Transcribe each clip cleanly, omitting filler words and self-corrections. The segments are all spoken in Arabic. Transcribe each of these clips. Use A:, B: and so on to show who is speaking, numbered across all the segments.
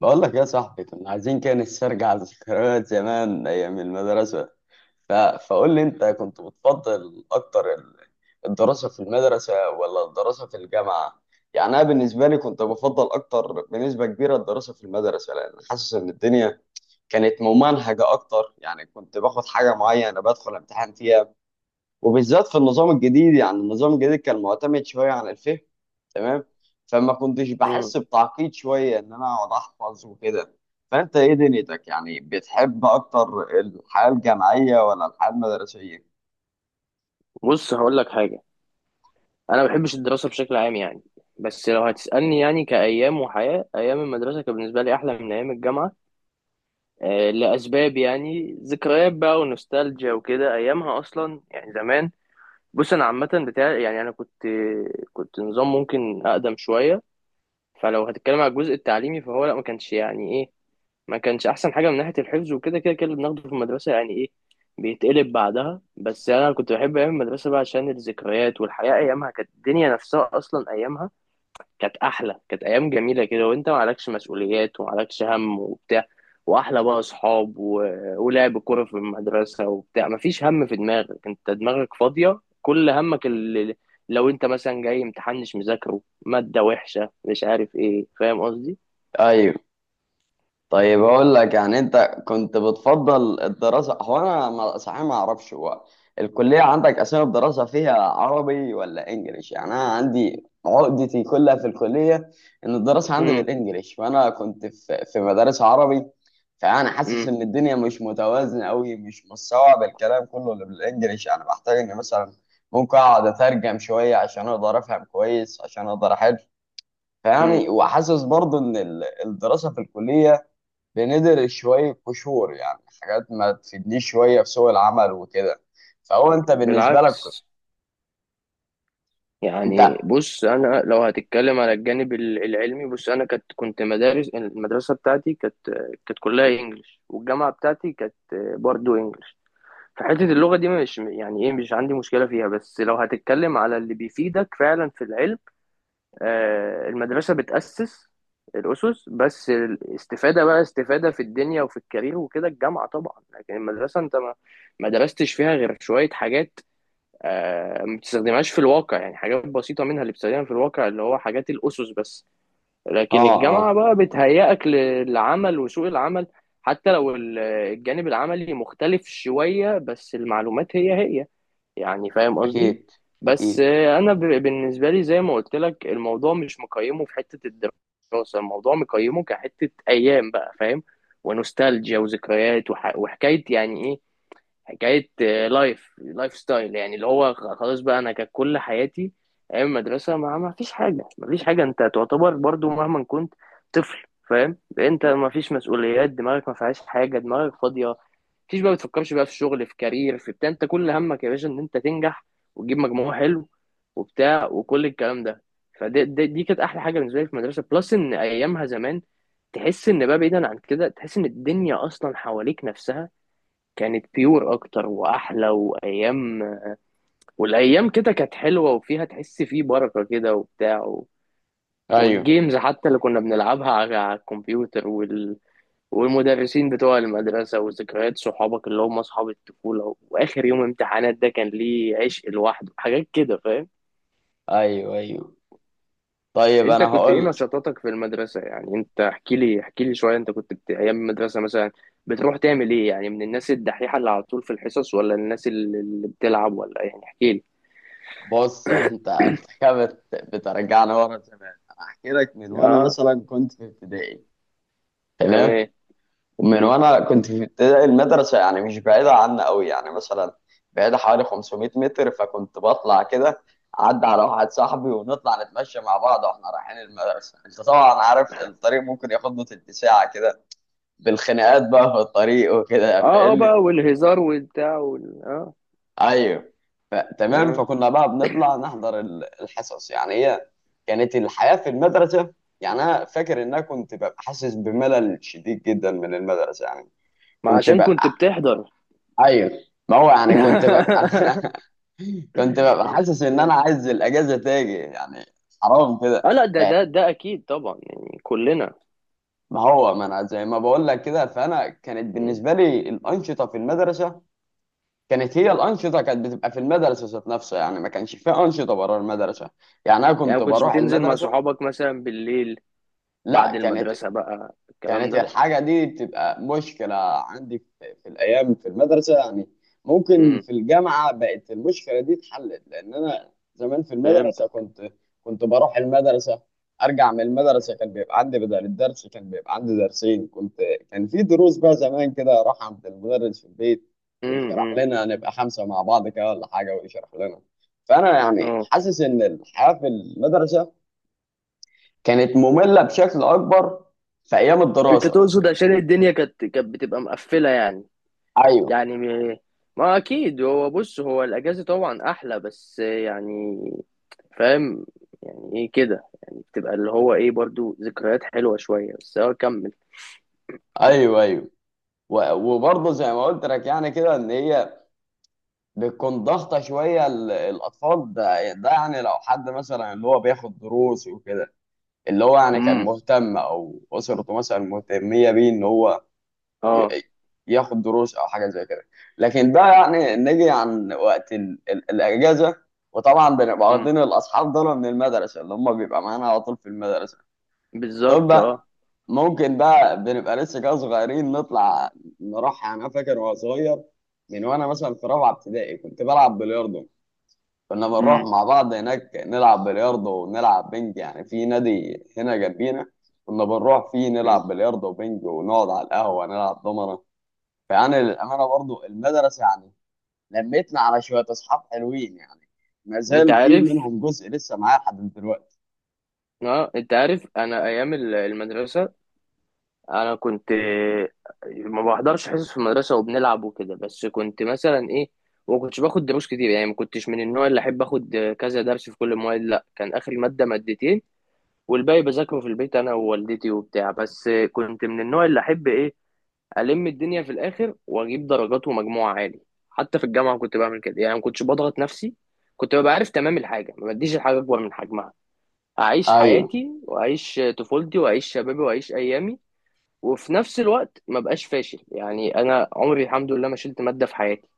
A: بقول لك يا صاحبي كنا عايزين كده نسترجع ذكريات زمان ايام المدرسه. فقول لي انت كنت بتفضل اكتر الدراسه في المدرسه ولا الدراسه في الجامعه؟ يعني انا بالنسبه لي كنت بفضل اكتر بنسبه كبيره الدراسه في المدرسه، لان حاسس ان الدنيا كانت ممنهجه اكتر، يعني كنت باخد حاجه معينه بدخل امتحان فيها، وبالذات في النظام الجديد. يعني النظام الجديد كان معتمد شويه على الفهم، تمام؟ فما كنتش
B: مم.
A: بحس بتعقيد شويه ان انا اقعد احفظ وكده. فانت ايه دنيتك؟ يعني بتحب اكتر الحياه الجامعيه ولا الحياه المدرسيه؟
B: بص، هقول لك حاجة. أنا ما بحبش الدراسة بشكل عام يعني. بس لو هتسألني يعني كأيام وحياة، أيام المدرسة كان بالنسبة لي أحلى من أيام الجامعة. آه، لأسباب يعني ذكريات بقى ونوستالجيا وكده، أيامها أصلا يعني زمان. بص، أنا عامة بتاع يعني، أنا كنت نظام ممكن أقدم شوية. فلو هتتكلم على الجزء التعليمي فهو لا، ما كانش يعني إيه، ما كانش احسن حاجه من ناحيه الحفظ. وكده كده اللي بناخده في المدرسه يعني ايه، بيتقلب بعدها. بس يعني انا كنت بحب ايام المدرسه بقى عشان الذكريات والحياه، ايامها كانت الدنيا نفسها اصلا. ايامها كانت احلى، كانت ايام جميله كده، وانت ما عليكش مسؤوليات وما عليكش هم وبتاع. واحلى بقى اصحاب و... ولعب كوره في المدرسه وبتاع، ما فيش هم في دماغك، انت دماغك فاضيه، كل همك اللي... لو انت مثلا جاي امتحان، مش مذاكره ماده وحشه مش عارف ايه، فاهم قصدي.
A: ايوه. طيب اقول لك، يعني انت كنت بتفضل الدراسه؟ هو انا صحيح ما اعرفش هو الكليه عندك اسامي الدراسه فيها عربي ولا انجليش، يعني انا عندي عقدتي كلها في الكليه ان الدراسه عندي بالانجليش، وانا كنت في مدارس عربي. فانا حاسس ان الدنيا مش متوازنه قوي، مش مستوعب الكلام كله اللي بالانجليش. انا بحتاج ان مثلا ممكن اقعد اترجم شويه عشان اقدر افهم كويس، عشان اقدر احل.
B: امم
A: فيعني وحاسس برضه ان الدراسه في الكليه بندر شوية قشور، يعني حاجات ما تفيدنيش شوية في سوق العمل وكده. فهو انت بالنسبة لك
B: بالعكس.
A: انت؟
B: يعني بص، انا لو هتتكلم على الجانب العلمي، بص انا كنت مدارس، المدرسه بتاعتي كانت، كانت كلها انجلش، والجامعه بتاعتي كانت برضو انجلش. فحته اللغه دي مش يعني ايه، مش عندي مشكله فيها. بس لو هتتكلم على اللي بيفيدك فعلا في العلم، آه، المدرسه بتاسس الاسس بس. الاستفاده بقى استفاده في الدنيا وفي الكارير وكده، الجامعه طبعا. لكن المدرسه، انت ما درستش فيها غير شويه حاجات. آه، ما بتستخدمهاش في الواقع، يعني حاجات بسيطة منها اللي بتستخدمها في الواقع، اللي هو حاجات الأسس بس.
A: اه
B: لكن الجامعة
A: اه.
B: بقى بتهيئك للعمل وسوق العمل. حتى لو الجانب العملي مختلف شوية، بس المعلومات هي هي، يعني فاهم قصدي.
A: اكيد.
B: بس
A: اكيد.
B: آه، أنا بالنسبة لي زي ما قلت لك، الموضوع مش مقيمه في حتة الدراسة، الموضوع مقيمه كحتة أيام بقى، فاهم، ونوستالجيا وذكريات، وحكاية يعني إيه، حكايه آه، لايف ستايل، يعني اللي هو خلاص بقى، انا كانت كل حياتي ايام المدرسه. ما فيش حاجه، ما فيش حاجه، انت تعتبر برضو مهما كنت طفل، فاهم، انت ما فيش مسؤوليات، دماغك ما فيهاش حاجه، دماغك فاضيه، ما فيش بقى بتفكرش بقى في شغل، في كارير، في بتاع. انت كل همك يا باشا ان انت تنجح وتجيب مجموع حلو وبتاع وكل الكلام ده. فدي دي, دي كانت احلى حاجه بالنسبه لي في المدرسه. بلس ان ايامها زمان تحس ان بقى، بعيدا عن كده، تحس ان الدنيا اصلا حواليك نفسها كانت بيور اكتر واحلى. وايام، والايام كده كانت حلوه وفيها، تحس فيه بركه كده وبتاع و...
A: ايوه
B: والجيمز حتى اللي كنا بنلعبها على الكمبيوتر وال... والمدرسين بتوع المدرسه، وذكريات صحابك اللي هم اصحاب الطفوله، واخر يوم امتحانات ده كان ليه عشق لوحده، حاجات كده فاهم.
A: ايوه ايوه. طيب
B: انت
A: انا
B: كنت ايه
A: هقول.
B: نشاطاتك في المدرسه؟ يعني انت احكي لي، احكي لي شويه، انت كنت ايام المدرسه مثلا بتروح تعمل ايه؟ يعني من الناس الدحيحه اللي على طول في الحصص، ولا الناس اللي بتلعب ولا؟ يعني احكي لي.
A: بص انت كده بترجعني ورا زمان. انا احكي لك من وانا
B: اه،
A: مثلا كنت في ابتدائي. تمام.
B: تمام.
A: ومن
B: مم.
A: وانا كنت في ابتدائي، المدرسه يعني مش بعيده عنا قوي، يعني مثلا بعيده حوالي 500 متر. فكنت بطلع كده اعدي على واحد صاحبي، ونطلع نتمشى مع بعض واحنا رايحين المدرسه. انت طبعا عارف، الطريق ممكن ياخد له تلت ساعه كده، بالخناقات بقى في الطريق وكده،
B: اه، اه بقى،
A: فاهمني؟
B: والهزار والبتاع وال... اه.
A: ايوه. تمام.
B: اه،
A: فكنا بقى بنطلع نحضر الحصص. يعني هي كانت الحياه في المدرسه. يعني انا فاكر ان انا كنت ببقى حاسس بملل شديد جدا من المدرسه يعني.
B: ما
A: كنت
B: عشان
A: ب-
B: كنت بتحضر.
A: ايوه. ما هو يعني كنت ببقى كنت ببقى حاسس ان انا عايز الاجازه تاجي يعني. حرام كده.
B: اه لا، ده
A: لا.
B: ده ده اكيد طبعا، يعني كلنا.
A: ما هو ما انا زي ما بقول لك كده، فانا كانت
B: مم.
A: بالنسبه لي الانشطه في المدرسه، كانت هي الانشطه كانت بتبقى في المدرسه ذات نفسها، يعني ما كانش فيها انشطه بره المدرسه. يعني انا
B: يعني
A: كنت
B: ما كنتش
A: بروح
B: بتنزل مع
A: المدرسه.
B: صحابك مثلا بالليل،
A: لا
B: بعد
A: كانت.
B: المدرسة بقى الكلام
A: كانت
B: ده؟
A: الحاجة دي بتبقى مشكلة عندي في الأيام في المدرسة يعني. ممكن
B: مم.
A: في الجامعة بقت المشكلة دي اتحلت، لأن أنا زمان في المدرسة
B: فهمتك.
A: كنت. كنت بروح المدرسة، أرجع من المدرسة كان بيبقى عندي بدل الدرس كان بيبقى عندي درسين. كنت كان في دروس بقى زمان كده، أروح عند المدرس في البيت
B: مم.
A: ويشرح
B: مم.
A: لنا، نبقى خمسة مع بعض كده ولا حاجة ويشرح لنا. فأنا يعني
B: اه،
A: حاسس إن الحياة في المدرسة كانت مملة بشكل أكبر في أيام
B: انت
A: الدراسة.
B: تقصد عشان الدنيا كانت بتبقى مقفلة يعني؟
A: ايوه
B: يعني ما اكيد هو، بص هو الاجازة طبعا احلى، بس يعني فاهم يعني ايه كده، يعني بتبقى اللي هو ايه، برضو ذكريات حلوة شوية بس. اه كمل.
A: ايوه ايوه. وبرضه زي ما قلت لك يعني كده، ان هي بتكون ضغطه شويه الاطفال. ده يعني لو حد مثلا اللي هو بياخد دروس وكده، اللي هو يعني كان
B: امم
A: مهتم او اسرته مثلا مهتميه بيه ان هو ي-
B: اه.
A: ياخد دروس او حاجه زي كده. لكن ده يعني نيجي عن وقت الاجازه، وطبعا بنبقى
B: امم
A: واخدين الاصحاب دول من المدرسه، اللي هم بيبقى معانا على طول في المدرسه.
B: بالظبط،
A: طب
B: اه.
A: ممكن بقى بنبقى لسه كده صغيرين نطلع نروح. يعني انا فاكر وانا صغير، من وانا مثلا في رابعه ابتدائي كنت بلعب بلياردو. كنا بنروح
B: امم
A: مع بعض هناك نلعب بلياردو ونلعب بنج، يعني في نادي هنا جنبينا كنا بنروح فيه
B: أمم.
A: نلعب بلياردو وبنج ونقعد على القهوه نلعب دومنه. فيعني للامانه برضو المدرسه يعني لميتنا على شويه اصحاب حلوين يعني، ما
B: انت
A: زال في
B: عارف،
A: منهم جزء لسه معايا لحد دلوقتي.
B: اه، انت عارف، انا ايام المدرسة، انا كنت ما بحضرش حصص في المدرسة، وبنلعب وكده، بس كنت مثلا ايه، وما كنتش باخد دروس كتير. يعني ما كنتش من النوع اللي احب اخد كذا درس في كل المواد، لا، كان اخر مادة مادتين، والباقي بذاكره في البيت انا ووالدتي وبتاع. بس كنت من النوع اللي احب ايه، الم الدنيا في الاخر واجيب درجات ومجموع عالي. حتى في الجامعه كنت بعمل كده، يعني ما كنتش بضغط نفسي. كنت ببقى عارف تمام الحاجه، ما بديش الحاجه اكبر من حجمها، اعيش
A: ايوه
B: حياتي واعيش طفولتي واعيش شبابي واعيش ايامي، وفي نفس الوقت ما بقاش فاشل. يعني انا عمري الحمد لله ما شلت ماده في حياتي،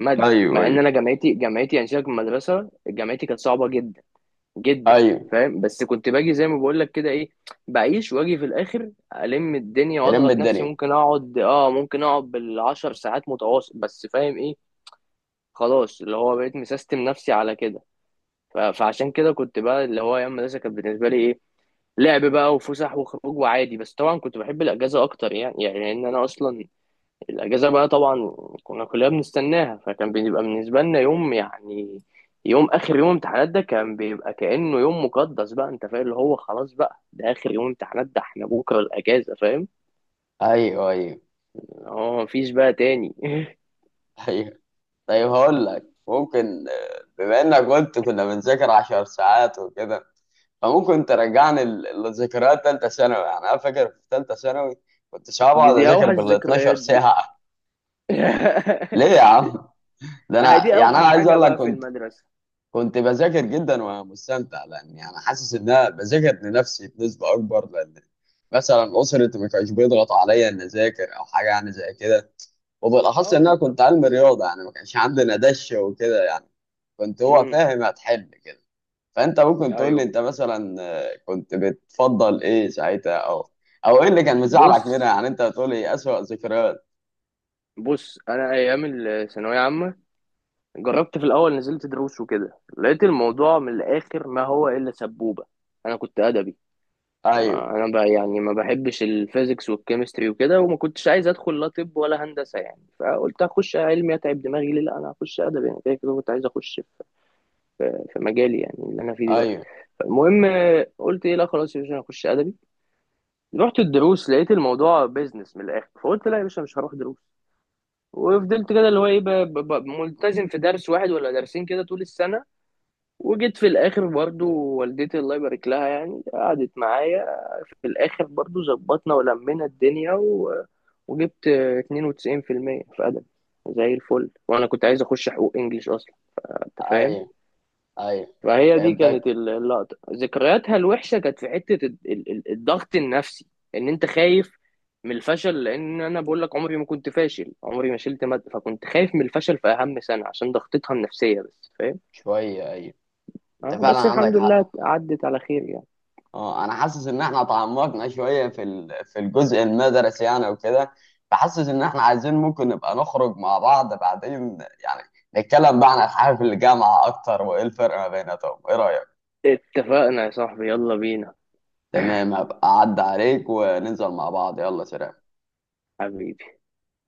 B: ماده،
A: ايوه
B: مع ان
A: ايوه
B: انا، جامعتي، جامعتي يعني سيبك من المدرسه، جامعتي كانت صعبه جدا جدا،
A: ايوه.
B: فاهم. بس كنت باجي زي ما بقول لك كده، ايه، بعيش واجي في الاخر الم الدنيا
A: يلم
B: واضغط نفسي.
A: الدنيا.
B: ممكن اقعد، ممكن اقعد بالعشر ساعات متواصل، بس فاهم ايه، خلاص، اللي هو بقيت مسيستم نفسي على كده. فعشان كده كنت بقى اللي هو، ايام المدرسه كانت بالنسبه لي ايه، لعب بقى وفسح وخروج وعادي. بس طبعا كنت بحب الاجازه اكتر، يعني يعني ان انا اصلا الأجازة بقى طبعا كنا كلنا بنستناها. فكان بيبقى بالنسبة لنا يوم، يعني يوم، آخر يوم امتحانات ده كان بيبقى كأنه يوم مقدس بقى، أنت فاهم، اللي هو خلاص بقى، ده آخر يوم امتحانات، ده احنا بكرة الأجازة، فاهم،
A: ايوه ايوه.
B: هو مفيش بقى تاني.
A: ايوه. طيب هقول لك ممكن، بما انك قلت كنا بنذاكر 10 ساعات وكده، فممكن ترجعني لذكريات تالتة ثانوي. يعني انا فاكر في تالتة ثانوي كنت ساعات
B: دي,
A: بقعد
B: دي
A: اذاكر
B: أوحش
A: بال 12
B: ذكريات دي.
A: ساعة. ليه يا عم؟ ده
B: أهي
A: انا
B: دي
A: يعني انا
B: أوحش
A: عايز
B: حاجة
A: اقول لك
B: بقى في
A: كنت،
B: المدرسة.
A: كنت بذاكر جدا وانا مستمتع، لان يعني حاسس ان انا بذاكر لنفسي بنسبة اكبر، لان مثلا اسرتي ما كانش بيضغط عليا ان اذاكر او حاجة يعني زي كده. وبالاخص
B: أه
A: ان انا كنت
B: بالظبط.
A: علم رياضة، يعني ما كانش عندنا دش وكده يعني، كنت هو
B: امم
A: فاهم هتحل كده. فانت ممكن تقول لي
B: أيوه.
A: انت مثلا، كنت بتفضل ايه ساعتها، او او ايه اللي كان مزعلك منها؟
B: بص
A: يعني انت بتقول لي اسوأ ذكريات.
B: بص أنا أيام الثانوية عامة، جربت في الاول، نزلت دروس وكده، لقيت الموضوع من الاخر ما هو الا سبوبه. انا كنت ادبي، ما
A: ايوه
B: انا بقى يعني ما بحبش الفيزيكس والكيمستري وكده، وما كنتش عايز ادخل لا طب ولا هندسه. يعني فقلت اخش علمي اتعب دماغي ليه؟ لا، انا هخش ادبي، انا كده كده كنت عايز اخش في مجالي يعني اللي انا فيه دلوقتي.
A: ايوه
B: المهم، قلت ايه، لا خلاص يا باشا، انا هخش ادبي. رحت الدروس، لقيت الموضوع بيزنس من الاخر، فقلت لا يا باشا، مش هروح دروس. وفضلت كده، اللي هو ايه، ملتزم في درس واحد ولا درسين كده طول السنه. وجيت في الاخر برضو، والدتي الله يبارك لها، يعني قعدت معايا في الاخر، برضو ظبطنا ولمينا الدنيا و... وجبت 92% في المية في ادب، زي الفل. وانا كنت عايز اخش حقوق انجليش اصلا، انت فاهم.
A: ايوه ايوه.
B: فهي دي كانت
A: يبدأك.
B: اللقطه، ذكرياتها الوحشه كانت في حته الضغط النفسي، ان انت خايف من الفشل. لان انا بقول لك عمري ما كنت فاشل، عمري ما شلت ماده، فكنت خايف من الفشل في اهم سنه، عشان ضغطتها النفسيه بس، فاهم.
A: شويه، ايوه. انت
B: اه،
A: فعلا
B: بس
A: عندك
B: الحمد لله
A: حق.
B: عدت على خير يعني.
A: اه. انا حاسس ان احنا تعمقنا شويه في الجزء المدرسي يعني وكده. فحاسس ان احنا عايزين ممكن نبقى نخرج مع بعض بعدين، يعني نتكلم بقى عن الحياه في الجامعه اكتر وايه الفرق ما بيناتهم، ايه رايك؟
B: اتفقنا يا صاحبي، يلا بينا.
A: تمام. هبقى اعدي عليك وننزل مع بعض، يلا سلام.
B: حبيبي.